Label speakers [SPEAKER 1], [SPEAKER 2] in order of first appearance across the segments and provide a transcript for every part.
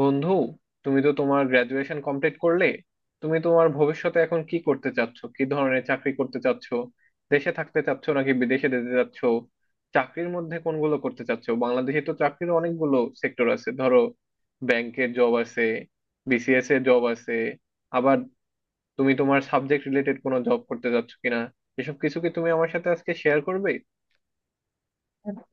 [SPEAKER 1] বন্ধু, তুমি তো তোমার গ্রাজুয়েশন কমপ্লিট করলে। তুমি তোমার ভবিষ্যতে এখন কি করতে চাচ্ছ, কি ধরনের চাকরি করতে চাচ্ছ? দেশে থাকতে চাচ্ছ নাকি বিদেশে যেতে চাচ্ছ? চাকরির মধ্যে কোনগুলো করতে চাচ্ছ? বাংলাদেশে তো চাকরির অনেকগুলো সেক্টর আছে। ধরো, ব্যাংকের জব আছে, বিসিএস এর জব আছে, আবার তুমি তোমার সাবজেক্ট রিলেটেড কোনো জব করতে চাচ্ছ কিনা, এসব কিছু কি তুমি আমার সাথে আজকে শেয়ার করবে?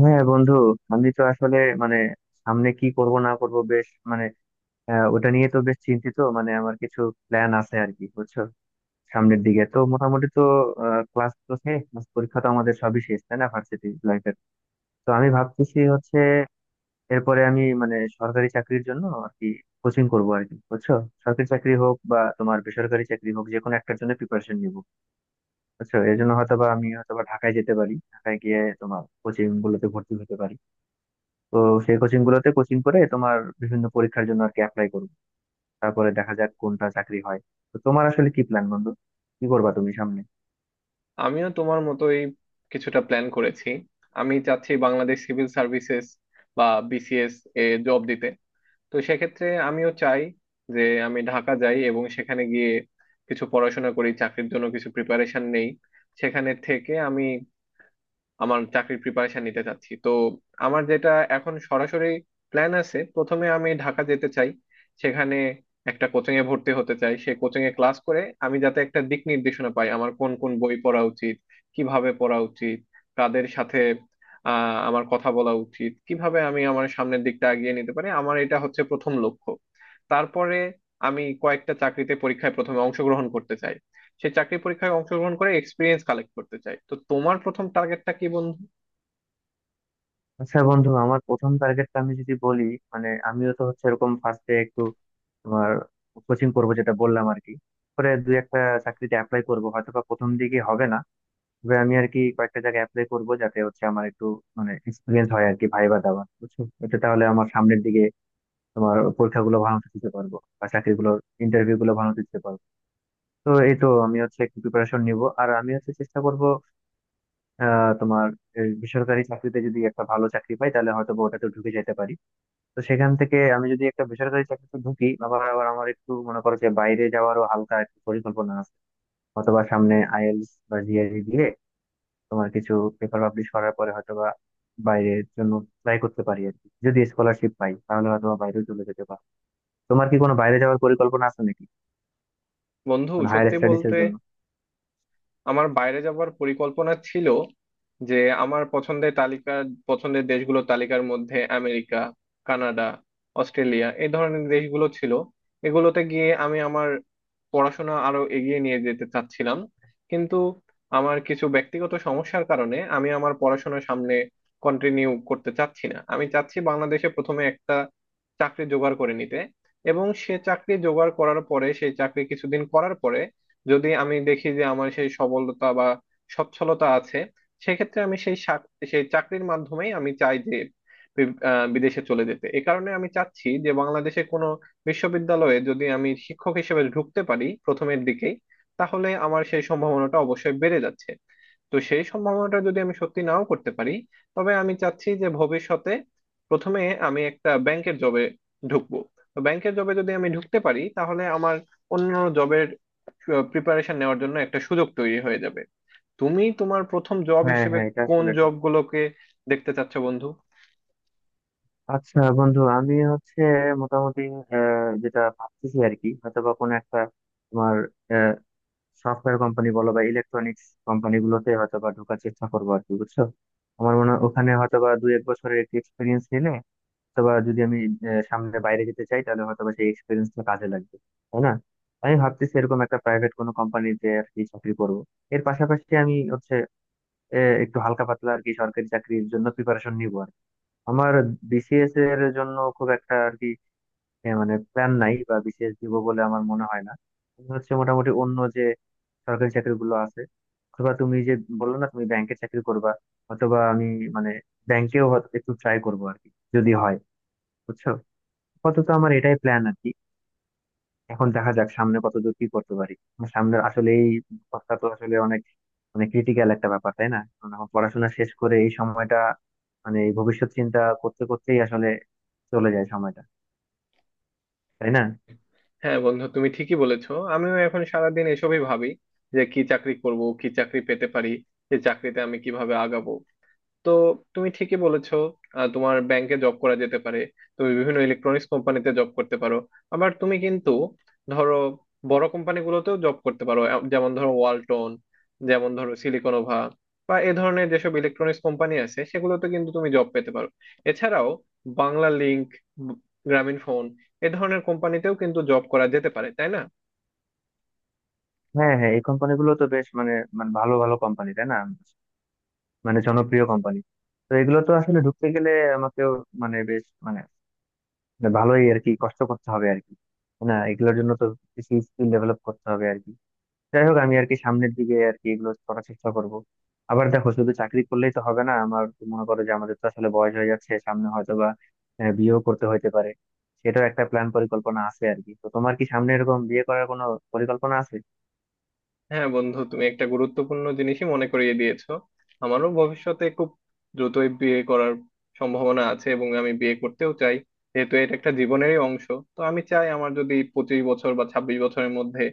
[SPEAKER 2] হ্যাঁ বন্ধু। আমি তো আসলে মানে সামনে কি করব না করব, বেশ মানে ওটা নিয়ে তো বেশ চিন্তিত। মানে আমার কিছু প্ল্যান আছে আর কি, বুঝছো। সামনের দিকে তো মোটামুটি তো ক্লাস তো শেষ, class পরীক্ষা তো আমাদের সবই শেষ, তাই না, ভার্সিটি লাইফের। তো আমি ভাবতেছি হচ্ছে এরপরে আমি মানে সরকারি চাকরির জন্য আর কি কোচিং করবো আর কি, বুঝছো। সরকারি চাকরি হোক বা তোমার বেসরকারি চাকরি হোক, যে কোনো একটার জন্য প্রিপারেশন নিবো, বুঝছো। এর জন্য হয়তো বা আমি হয়তো বা ঢাকায় যেতে পারি, ঢাকায় গিয়ে তোমার কোচিং গুলোতে ভর্তি হতে পারি। তো সেই কোচিং গুলোতে কোচিং করে তোমার বিভিন্ন পরীক্ষার জন্য আর কি অ্যাপ্লাই করবো। তারপরে দেখা যাক কোনটা চাকরি হয়। তো তোমার আসলে কি প্ল্যান বন্ধু? কি করবা তুমি সামনে?
[SPEAKER 1] আমিও তোমার মতোই কিছুটা প্ল্যান করেছি। আমি চাচ্ছি বাংলাদেশ সিভিল সার্ভিসেস বা বিসিএস এ জব দিতে। তো সেক্ষেত্রে আমিও চাই যে আমি ঢাকা যাই এবং সেখানে গিয়ে কিছু পড়াশোনা করি, চাকরির জন্য কিছু প্রিপারেশন নেই। সেখানে থেকে আমি আমার চাকরির প্রিপারেশন নিতে চাচ্ছি। তো আমার যেটা এখন সরাসরি প্ল্যান আছে, প্রথমে আমি ঢাকা যেতে চাই, সেখানে একটা কোচিং এ ভর্তি হতে চাই, সেই কোচিং এ ক্লাস করে আমি যাতে একটা দিক নির্দেশনা পাই আমার কোন কোন বই পড়া উচিত, কিভাবে পড়া উচিত, কাদের সাথে আমার কথা বলা উচিত, কিভাবে আমি আমার সামনের দিকটা এগিয়ে নিতে পারি। আমার এটা হচ্ছে প্রথম লক্ষ্য। তারপরে আমি কয়েকটা চাকরিতে পরীক্ষায় প্রথমে অংশগ্রহণ করতে চাই, সে চাকরি পরীক্ষায় অংশগ্রহণ করে এক্সপিরিয়েন্স কালেক্ট করতে চায়। তো তোমার প্রথম টার্গেটটা কি বন্ধু?
[SPEAKER 2] আচ্ছা বন্ধু, আমার প্রথম টার্গেটটা আমি যদি বলি, মানে আমিও তো হচ্ছে এরকম ফার্স্টে একটু তোমার কোচিং করবো যেটা বললাম আর কি। পরে দু একটা চাকরিতে অ্যাপ্লাই করবো, হয়তো বা প্রথম দিকে হবে না, তবে আমি আর কি কয়েকটা জায়গায় অ্যাপ্লাই করবো যাতে হচ্ছে আমার একটু মানে এক্সপিরিয়েন্স হয় আর কি, ভাইবা দেওয়া, বুঝছো। এটা তাহলে আমার সামনের দিকে তোমার পরীক্ষাগুলো ভালো মতো দিতে পারবো বা চাকরিগুলোর ইন্টারভিউ গুলো ভালো মতো দিতে পারবো। তো এই তো আমি হচ্ছে একটু প্রিপারেশন নিব আর আমি হচ্ছে চেষ্টা করব। তোমার এই বেসরকারি চাকরিতে যদি একটা ভালো চাকরি পাই, তাহলে হয়তো বা ওটাতে ঢুকে যেতে পারি। তো সেখান থেকে আমি যদি একটা বেসরকারি চাকরিতে ঢুকি, আবার আবার আমার একটু মনে করো যে বাইরে যাওয়ারও হালকা একটু পরিকল্পনা আছে। অথবা সামনে আইএলটিএস বা জিআরই দিয়ে তোমার কিছু পেপার পাবলিশ করার পরে হয়তোবা বাইরের জন্য ট্রাই করতে পারি আর কি। যদি স্কলারশিপ পাই তাহলে হয়তো বা বাইরেও চলে যেতে পারি। তোমার কি কোনো বাইরে যাওয়ার পরিকল্পনা আছে নাকি?
[SPEAKER 1] বন্ধু,
[SPEAKER 2] মানে হায়ার
[SPEAKER 1] সত্যি
[SPEAKER 2] স্টাডিজ এর
[SPEAKER 1] বলতে,
[SPEAKER 2] জন্য।
[SPEAKER 1] আমার বাইরে যাওয়ার পরিকল্পনা ছিল যে আমার পছন্দের তালিকার, পছন্দের দেশগুলোর তালিকার মধ্যে আমেরিকা, কানাডা, অস্ট্রেলিয়া এই ধরনের দেশগুলো ছিল। এগুলোতে গিয়ে আমি আমার পড়াশোনা আরো এগিয়ে নিয়ে যেতে চাচ্ছিলাম, কিন্তু আমার কিছু ব্যক্তিগত সমস্যার কারণে আমি আমার পড়াশোনা সামনে কন্টিনিউ করতে চাচ্ছি না। আমি চাচ্ছি বাংলাদেশে প্রথমে একটা চাকরি জোগাড় করে নিতে, এবং সে চাকরি জোগাড় করার পরে সেই চাকরি কিছুদিন করার পরে যদি আমি দেখি যে আমার সেই সবলতা বা সচ্ছলতা আছে, সেক্ষেত্রে আমি সেই চাকরির মাধ্যমেই আমি চাই যে বিদেশে চলে যেতে। এ কারণে আমি চাচ্ছি যে বাংলাদেশে কোনো বিশ্ববিদ্যালয়ে যদি আমি শিক্ষক হিসেবে ঢুকতে পারি প্রথমের দিকেই, তাহলে আমার সেই সম্ভাবনাটা অবশ্যই বেড়ে যাচ্ছে। তো সেই সম্ভাবনাটা যদি আমি সত্যি নাও করতে পারি, তবে আমি চাচ্ছি যে ভবিষ্যতে প্রথমে আমি একটা ব্যাংকের জবে ঢুকবো। তো ব্যাংকের জবে যদি আমি ঢুকতে পারি তাহলে আমার অন্য জবের প্রিপারেশন নেওয়ার জন্য একটা সুযোগ তৈরি হয়ে যাবে। তুমি তোমার প্রথম জব
[SPEAKER 2] হ্যাঁ
[SPEAKER 1] হিসেবে
[SPEAKER 2] হ্যাঁ, এটা
[SPEAKER 1] কোন
[SPEAKER 2] আসলে ঠিক।
[SPEAKER 1] জবগুলোকে দেখতে চাচ্ছ বন্ধু?
[SPEAKER 2] আচ্ছা বন্ধু, আমি হচ্ছে মোটামুটি যেটা ভাবতেছি আর কি, হয়তো বা কোনো একটা তোমার সফটওয়্যার কোম্পানি বলো বা ইলেকট্রনিক্স কোম্পানি গুলোতে হয়তো বা ঢোকার চেষ্টা করবো আর কি, বুঝছো। আমার মনে হয় ওখানে হয়তো বা দুই এক বছরের একটি এক্সপিরিয়েন্স নিলে, অথবা যদি আমি সামনে বাইরে যেতে চাই, তাহলে হয়তো বা সেই এক্সপিরিয়েন্সটা কাজে লাগবে, তাই না। আমি ভাবতেছি এরকম একটা প্রাইভেট কোনো কোম্পানিতে আর কি চাকরি করবো। এর পাশাপাশি আমি হচ্ছে এ, একটু হালকা পাতলা আর কি সরকারি চাকরির জন্য প্রিপারেশন নিব আর কি। আমার বিসিএস এর জন্য খুব একটা আর কি মানে প্ল্যান নাই, বা বিসিএস দিব বলে আমার মনে হয় না। আমি হচ্ছে মোটামুটি অন্য যে সরকারি চাকরিগুলো আছে, অথবা তুমি যে বললো না তুমি ব্যাংকের চাকরি করবা, অথবা আমি মানে ব্যাংকেও হয়তো একটু ট্রাই করবো আর কি, যদি হয়, বুঝছো। আপাতত আমার এটাই প্ল্যান আর কি। এখন দেখা যাক সামনে কতদূর কি করতে পারি। আমার সামনের আসলেই অবস্থা তো আসলে অনেক মানে ক্রিটিক্যাল একটা ব্যাপার, তাই না, কারণ এখন পড়াশোনা শেষ করে এই সময়টা মানে এই ভবিষ্যৎ চিন্তা করতে করতেই আসলে চলে যায় সময়টা, তাই না।
[SPEAKER 1] হ্যাঁ বন্ধু, তুমি ঠিকই বলেছো, আমিও এখন সারাদিন এসবই ভাবি যে কি চাকরি করব, কি চাকরি পেতে পারি, এই চাকরিতে আমি কিভাবে আগাবো। তো তুমি ঠিকই বলেছো, তোমার ব্যাংকে জব করা যেতে পারে, তুমি বিভিন্ন ইলেকট্রনিক্স কোম্পানিতে জব করতে পারো, আবার তুমি কিন্তু ধরো বড় কোম্পানিগুলোতেও জব করতে পারো। যেমন ধরো ওয়ালটন, যেমন ধরো সিলিকনোভা বা এ ধরনের যেসব ইলেকট্রনিক্স কোম্পানি আছে সেগুলোতে কিন্তু তুমি জব পেতে পারো। এছাড়াও বাংলা লিংক, গ্রামীণ ফোন, এ ধরনের কোম্পানিতেও কিন্তু জব করা যেতে পারে, তাই না?
[SPEAKER 2] হ্যাঁ হ্যাঁ, এই কোম্পানিগুলো তো বেশ মানে, মানে ভালো ভালো কোম্পানি, তাই না, মানে জনপ্রিয় কোম্পানি। তো এগুলো তো আসলে ঢুকতে গেলে আমাকেও মানে বেশ মানে, মানে ভালোই আর কি কষ্ট করতে হবে আর কি, তাই না। এগুলোর জন্য তো কিছু স্কিল ডেভেলপ করতে হবে আর কি। যাই হোক, আমি আর কি সামনের দিকে আর কি এগুলো করার চেষ্টা করব। আবার দেখো, শুধু চাকরি করলেই তো হবে না, আমার তো মনে করো যে আমাদের তো আসলে বয়স হয়ে যাচ্ছে, সামনে হয়তো বা বিয়েও করতে হইতে পারে। সেটাও একটা প্ল্যান, পরিকল্পনা আছে আর কি। তো তোমার কি সামনে এরকম বিয়ে করার কোনো পরিকল্পনা আছে?
[SPEAKER 1] হ্যাঁ বন্ধু, তুমি একটা গুরুত্বপূর্ণ জিনিসই মনে করিয়ে দিয়েছো। আমারও ভবিষ্যতে খুব দ্রুতই বিয়ে করার সম্ভাবনা আছে এবং আমি বিয়ে করতেও চাই, যেহেতু এটা একটা জীবনেরই অংশ। তো আমি চাই আমার যদি 25 বছর বা 26 বছরের মধ্যে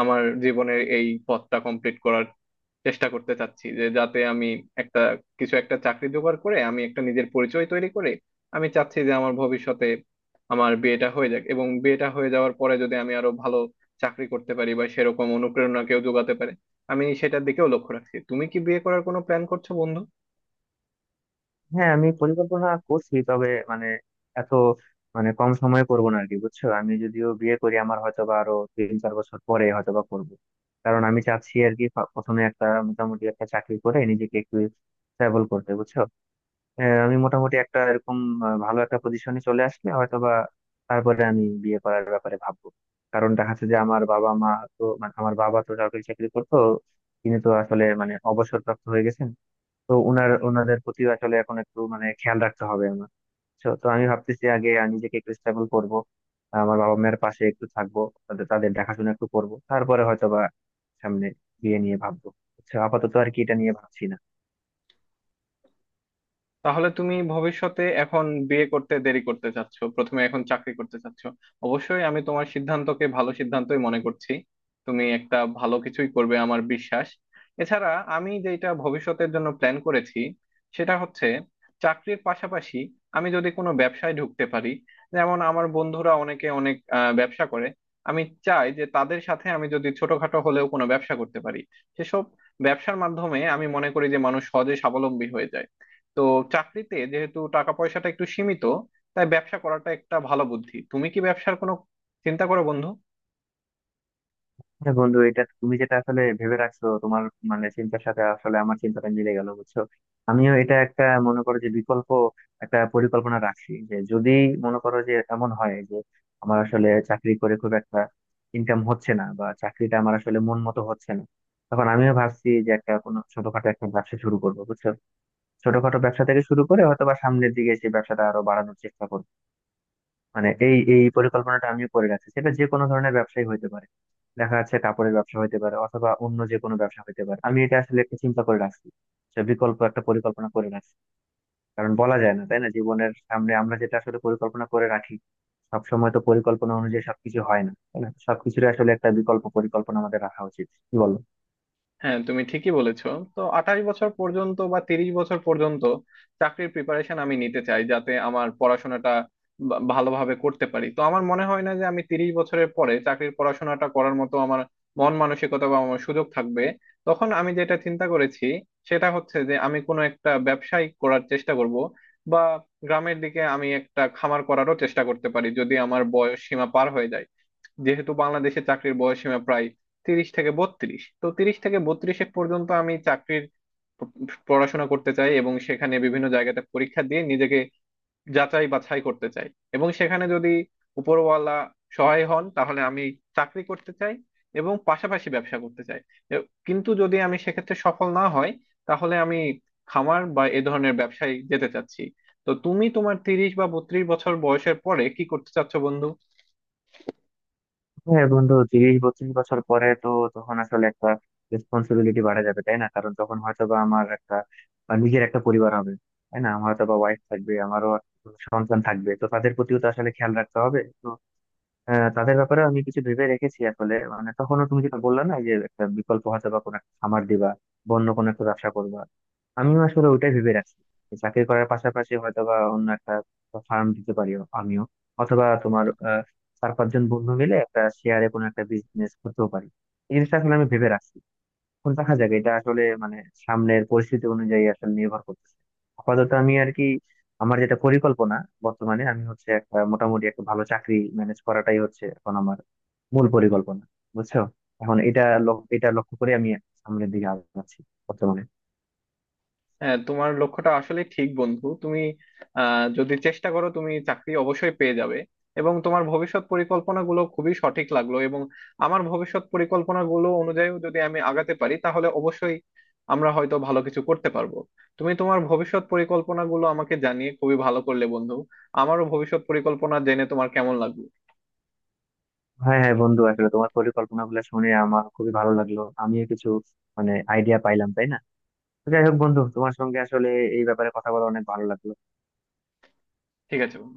[SPEAKER 1] আমার জীবনের এই পথটা কমপ্লিট করার চেষ্টা করতে চাচ্ছি, যে যাতে আমি একটা কিছু একটা চাকরি জোগাড় করে আমি একটা নিজের পরিচয় তৈরি করে আমি চাচ্ছি যে আমার ভবিষ্যতে আমার বিয়েটা হয়ে যাক, এবং বিয়েটা হয়ে যাওয়ার পরে যদি আমি আরো ভালো চাকরি করতে পারি বা সেরকম অনুপ্রেরণা কেউ যোগাতে পারে, আমি সেটার দিকেও লক্ষ্য রাখছি। তুমি কি বিয়ে করার কোনো প্ল্যান করছো বন্ধু?
[SPEAKER 2] হ্যাঁ, আমি পরিকল্পনা করছি, তবে মানে এত মানে কম সময়ে করবো না আর কি, বুঝছো। আমি যদিও বিয়ে করি, আমার হয়তো বা আরো তিন চার বছর পরে হয়তো বা করবো। কারণ আমি চাচ্ছি আর কি প্রথমে একটা মোটামুটি একটা চাকরি করে নিজেকে একটু স্টেবল করতে, বুঝছো। হ্যাঁ, আমি মোটামুটি একটা এরকম ভালো একটা পজিশনে চলে আসলে হয়তোবা তারপরে আমি বিয়ে করার ব্যাপারে ভাববো। কারণ দেখা যাচ্ছে যে আমার বাবা মা, তো মানে আমার বাবা তো সরকারি চাকরি করতো, তিনি তো আসলে মানে অবসরপ্রাপ্ত হয়ে গেছেন। তো উনার ওনাদের প্রতি আসলে এখন একটু মানে খেয়াল রাখতে হবে আমার। তো তো আমি ভাবতেছি আগে আমি নিজেকে একটু স্টেবল করব, আমার বাবা মায়ের পাশে একটু থাকবো, তাদের তাদের দেখাশোনা একটু করব, তারপরে হয়তোবা সামনে বিয়ে নিয়ে ভাববো। আচ্ছা, আপাতত আর কি এটা নিয়ে ভাবছি না।
[SPEAKER 1] তাহলে তুমি ভবিষ্যতে এখন বিয়ে করতে দেরি করতে চাচ্ছ, প্রথমে এখন চাকরি করতে চাচ্ছ। অবশ্যই আমি তোমার সিদ্ধান্তকে ভালো সিদ্ধান্তই মনে করছি। তুমি একটা ভালো কিছুই করবে আমার বিশ্বাস। এছাড়া আমি যেটা ভবিষ্যতের জন্য প্ল্যান করেছি সেটা হচ্ছে চাকরির পাশাপাশি আমি যদি কোনো ব্যবসায় ঢুকতে পারি, যেমন আমার বন্ধুরা অনেকে অনেক ব্যবসা করে, আমি চাই যে তাদের সাথে আমি যদি ছোটখাটো হলেও কোনো ব্যবসা করতে পারি। সেসব ব্যবসার মাধ্যমে আমি মনে করি যে মানুষ সহজে স্বাবলম্বী হয়ে যায়। তো চাকরিতে যেহেতু টাকা পয়সাটা একটু সীমিত, তাই ব্যবসা করাটা একটা ভালো বুদ্ধি। তুমি কি ব্যবসার কোনো চিন্তা করো বন্ধু?
[SPEAKER 2] হ্যাঁ বন্ধু, এটা তুমি যেটা আসলে ভেবে রাখছো, তোমার মানে চিন্তার সাথে আসলে আমার চিন্তাটা মিলে গেল, বুঝছো। আমিও এটা একটা মনে করো যে বিকল্প একটা পরিকল্পনা রাখছি, যে যদি মনে করো যে এমন হয় যে আমার আসলে চাকরি করে খুব একটা ইনকাম হচ্ছে না, বা চাকরিটা আমার আসলে মন মতো হচ্ছে না, তখন আমিও ভাবছি যে একটা কোনো ছোটখাটো একটা ব্যবসা শুরু করবো, বুঝছো। ছোটখাটো ব্যবসা থেকে শুরু করে হয়তো বা সামনের দিকে সেই ব্যবসাটা আরো বাড়ানোর চেষ্টা করবো। মানে এই এই পরিকল্পনাটা আমিও করে রাখছি, সেটা যে কোনো ধরনের ব্যবসায়ী হইতে পারে। দেখা যাচ্ছে কাপড়ের ব্যবসা হইতে পারে, অথবা অন্য যে কোনো ব্যবসা হইতে পারে। আমি এটা আসলে একটা চিন্তা করে রাখছি, সে বিকল্প একটা পরিকল্পনা করে রাখছি। কারণ বলা যায় না, তাই না, জীবনের সামনে আমরা যেটা আসলে পরিকল্পনা করে রাখি, সব সময় তো পরিকল্পনা অনুযায়ী সবকিছু হয় না, তাই না। সবকিছুর আসলে একটা বিকল্প পরিকল্পনা আমাদের রাখা উচিত, কি বল।
[SPEAKER 1] হ্যাঁ, তুমি ঠিকই বলেছো। তো 28 বছর পর্যন্ত বা 30 বছর পর্যন্ত চাকরির প্রিপারেশন আমি নিতে চাই যাতে আমার পড়াশোনাটা ভালোভাবে করতে পারি। তো আমার মনে হয় না যে আমি 30 বছরের পরে চাকরির পড়াশোনাটা করার মতো আমার মন মানসিকতা বা আমার সুযোগ থাকবে। তখন আমি যেটা চিন্তা করেছি সেটা হচ্ছে যে আমি কোনো একটা ব্যবসায়ী করার চেষ্টা করব, বা গ্রামের দিকে আমি একটা খামার করারও চেষ্টা করতে পারি যদি আমার বয়স সীমা পার হয়ে যায়। যেহেতু বাংলাদেশে চাকরির বয়স সীমা প্রায় 30 থেকে 32, তো 30 থেকে 32 পর্যন্ত আমি চাকরির প- পড়াশোনা করতে চাই, এবং সেখানে বিভিন্ন জায়গাতে পরীক্ষা দিয়ে নিজেকে যাচাই বাছাই করতে চাই। এবং সেখানে যদি উপরওয়ালা সহায় হন তাহলে আমি চাকরি করতে চাই এবং পাশাপাশি ব্যবসা করতে চাই। কিন্তু যদি আমি সেক্ষেত্রে সফল না হয়, তাহলে আমি খামার বা এ ধরনের ব্যবসায় যেতে চাচ্ছি। তো তুমি তোমার 30 বা 32 বছর বয়সের পরে কি করতে চাচ্ছো বন্ধু?
[SPEAKER 2] হ্যাঁ বন্ধু, 30-32 বছর পরে তো তখন আসলে একটা রেসপন্সিবিলিটি বাড়া যাবে, তাই না, কারণ তখন হয়তো বা আমার একটা বা নিজের একটা পরিবার হবে, তাই না, আমার হয়তো বা ওয়াইফ থাকবে, আমারও সন্তান থাকবে। তো তাদের প্রতিও তো আসলে খেয়াল রাখতে হবে তো। হ্যাঁ, তাদের ব্যাপারে আমি কিছু ভেবে রেখেছি আসলে মানে তখনও তুমি যেটা বললা না, এই যে একটা বিকল্প হয়তো বা কোনো একটা খামার দিবা বা অন্য কোনো একটা ব্যবসা করবা, আমিও আসলে ওইটাই ভেবে রাখছি। যে চাকরি করার পাশাপাশি হয়তো বা অন্য একটা ফার্ম দিতে পারি আমিও, অথবা তোমার চার পাঁচজন বন্ধু মিলে একটা শেয়ারে কোনো একটা বিজনেস করতেও পারি। এই জিনিসটা আসলে আমি ভেবে রাখছি। এখন দেখা যাক, এটা আসলে মানে সামনের পরিস্থিতি অনুযায়ী আসলে নির্ভর করতেছে। আপাতত আমি আর কি আমার যেটা পরিকল্পনা, বর্তমানে আমি হচ্ছে একটা মোটামুটি একটা ভালো চাকরি ম্যানেজ করাটাই হচ্ছে এখন আমার মূল পরিকল্পনা, বুঝছো। এখন এটা লক্ষ্য করে আমি সামনের দিকে আগাচ্ছি বর্তমানে।
[SPEAKER 1] হ্যাঁ, তোমার লক্ষ্যটা আসলে ঠিক বন্ধু। তুমি যদি চেষ্টা করো তুমি চাকরি অবশ্যই পেয়ে যাবে, এবং তোমার ভবিষ্যৎ পরিকল্পনাগুলো খুবই সঠিক লাগলো। এবং আমার ভবিষ্যৎ পরিকল্পনাগুলো অনুযায়ী যদি আমি আগাতে পারি তাহলে অবশ্যই আমরা হয়তো ভালো কিছু করতে পারবো। তুমি তোমার ভবিষ্যৎ পরিকল্পনাগুলো আমাকে জানিয়ে খুবই ভালো করলে বন্ধু। আমারও ভবিষ্যৎ পরিকল্পনা জেনে তোমার কেমন লাগলো?
[SPEAKER 2] হ্যাঁ হ্যাঁ বন্ধু, আসলে তোমার পরিকল্পনা গুলো শুনে আমার খুবই ভালো লাগলো, আমিও কিছু মানে আইডিয়া পাইলাম, তাই না। তো যাই হোক বন্ধু, তোমার সঙ্গে আসলে এই ব্যাপারে কথা বলে অনেক ভালো লাগলো।
[SPEAKER 1] ঠিক আছে বন্ধু।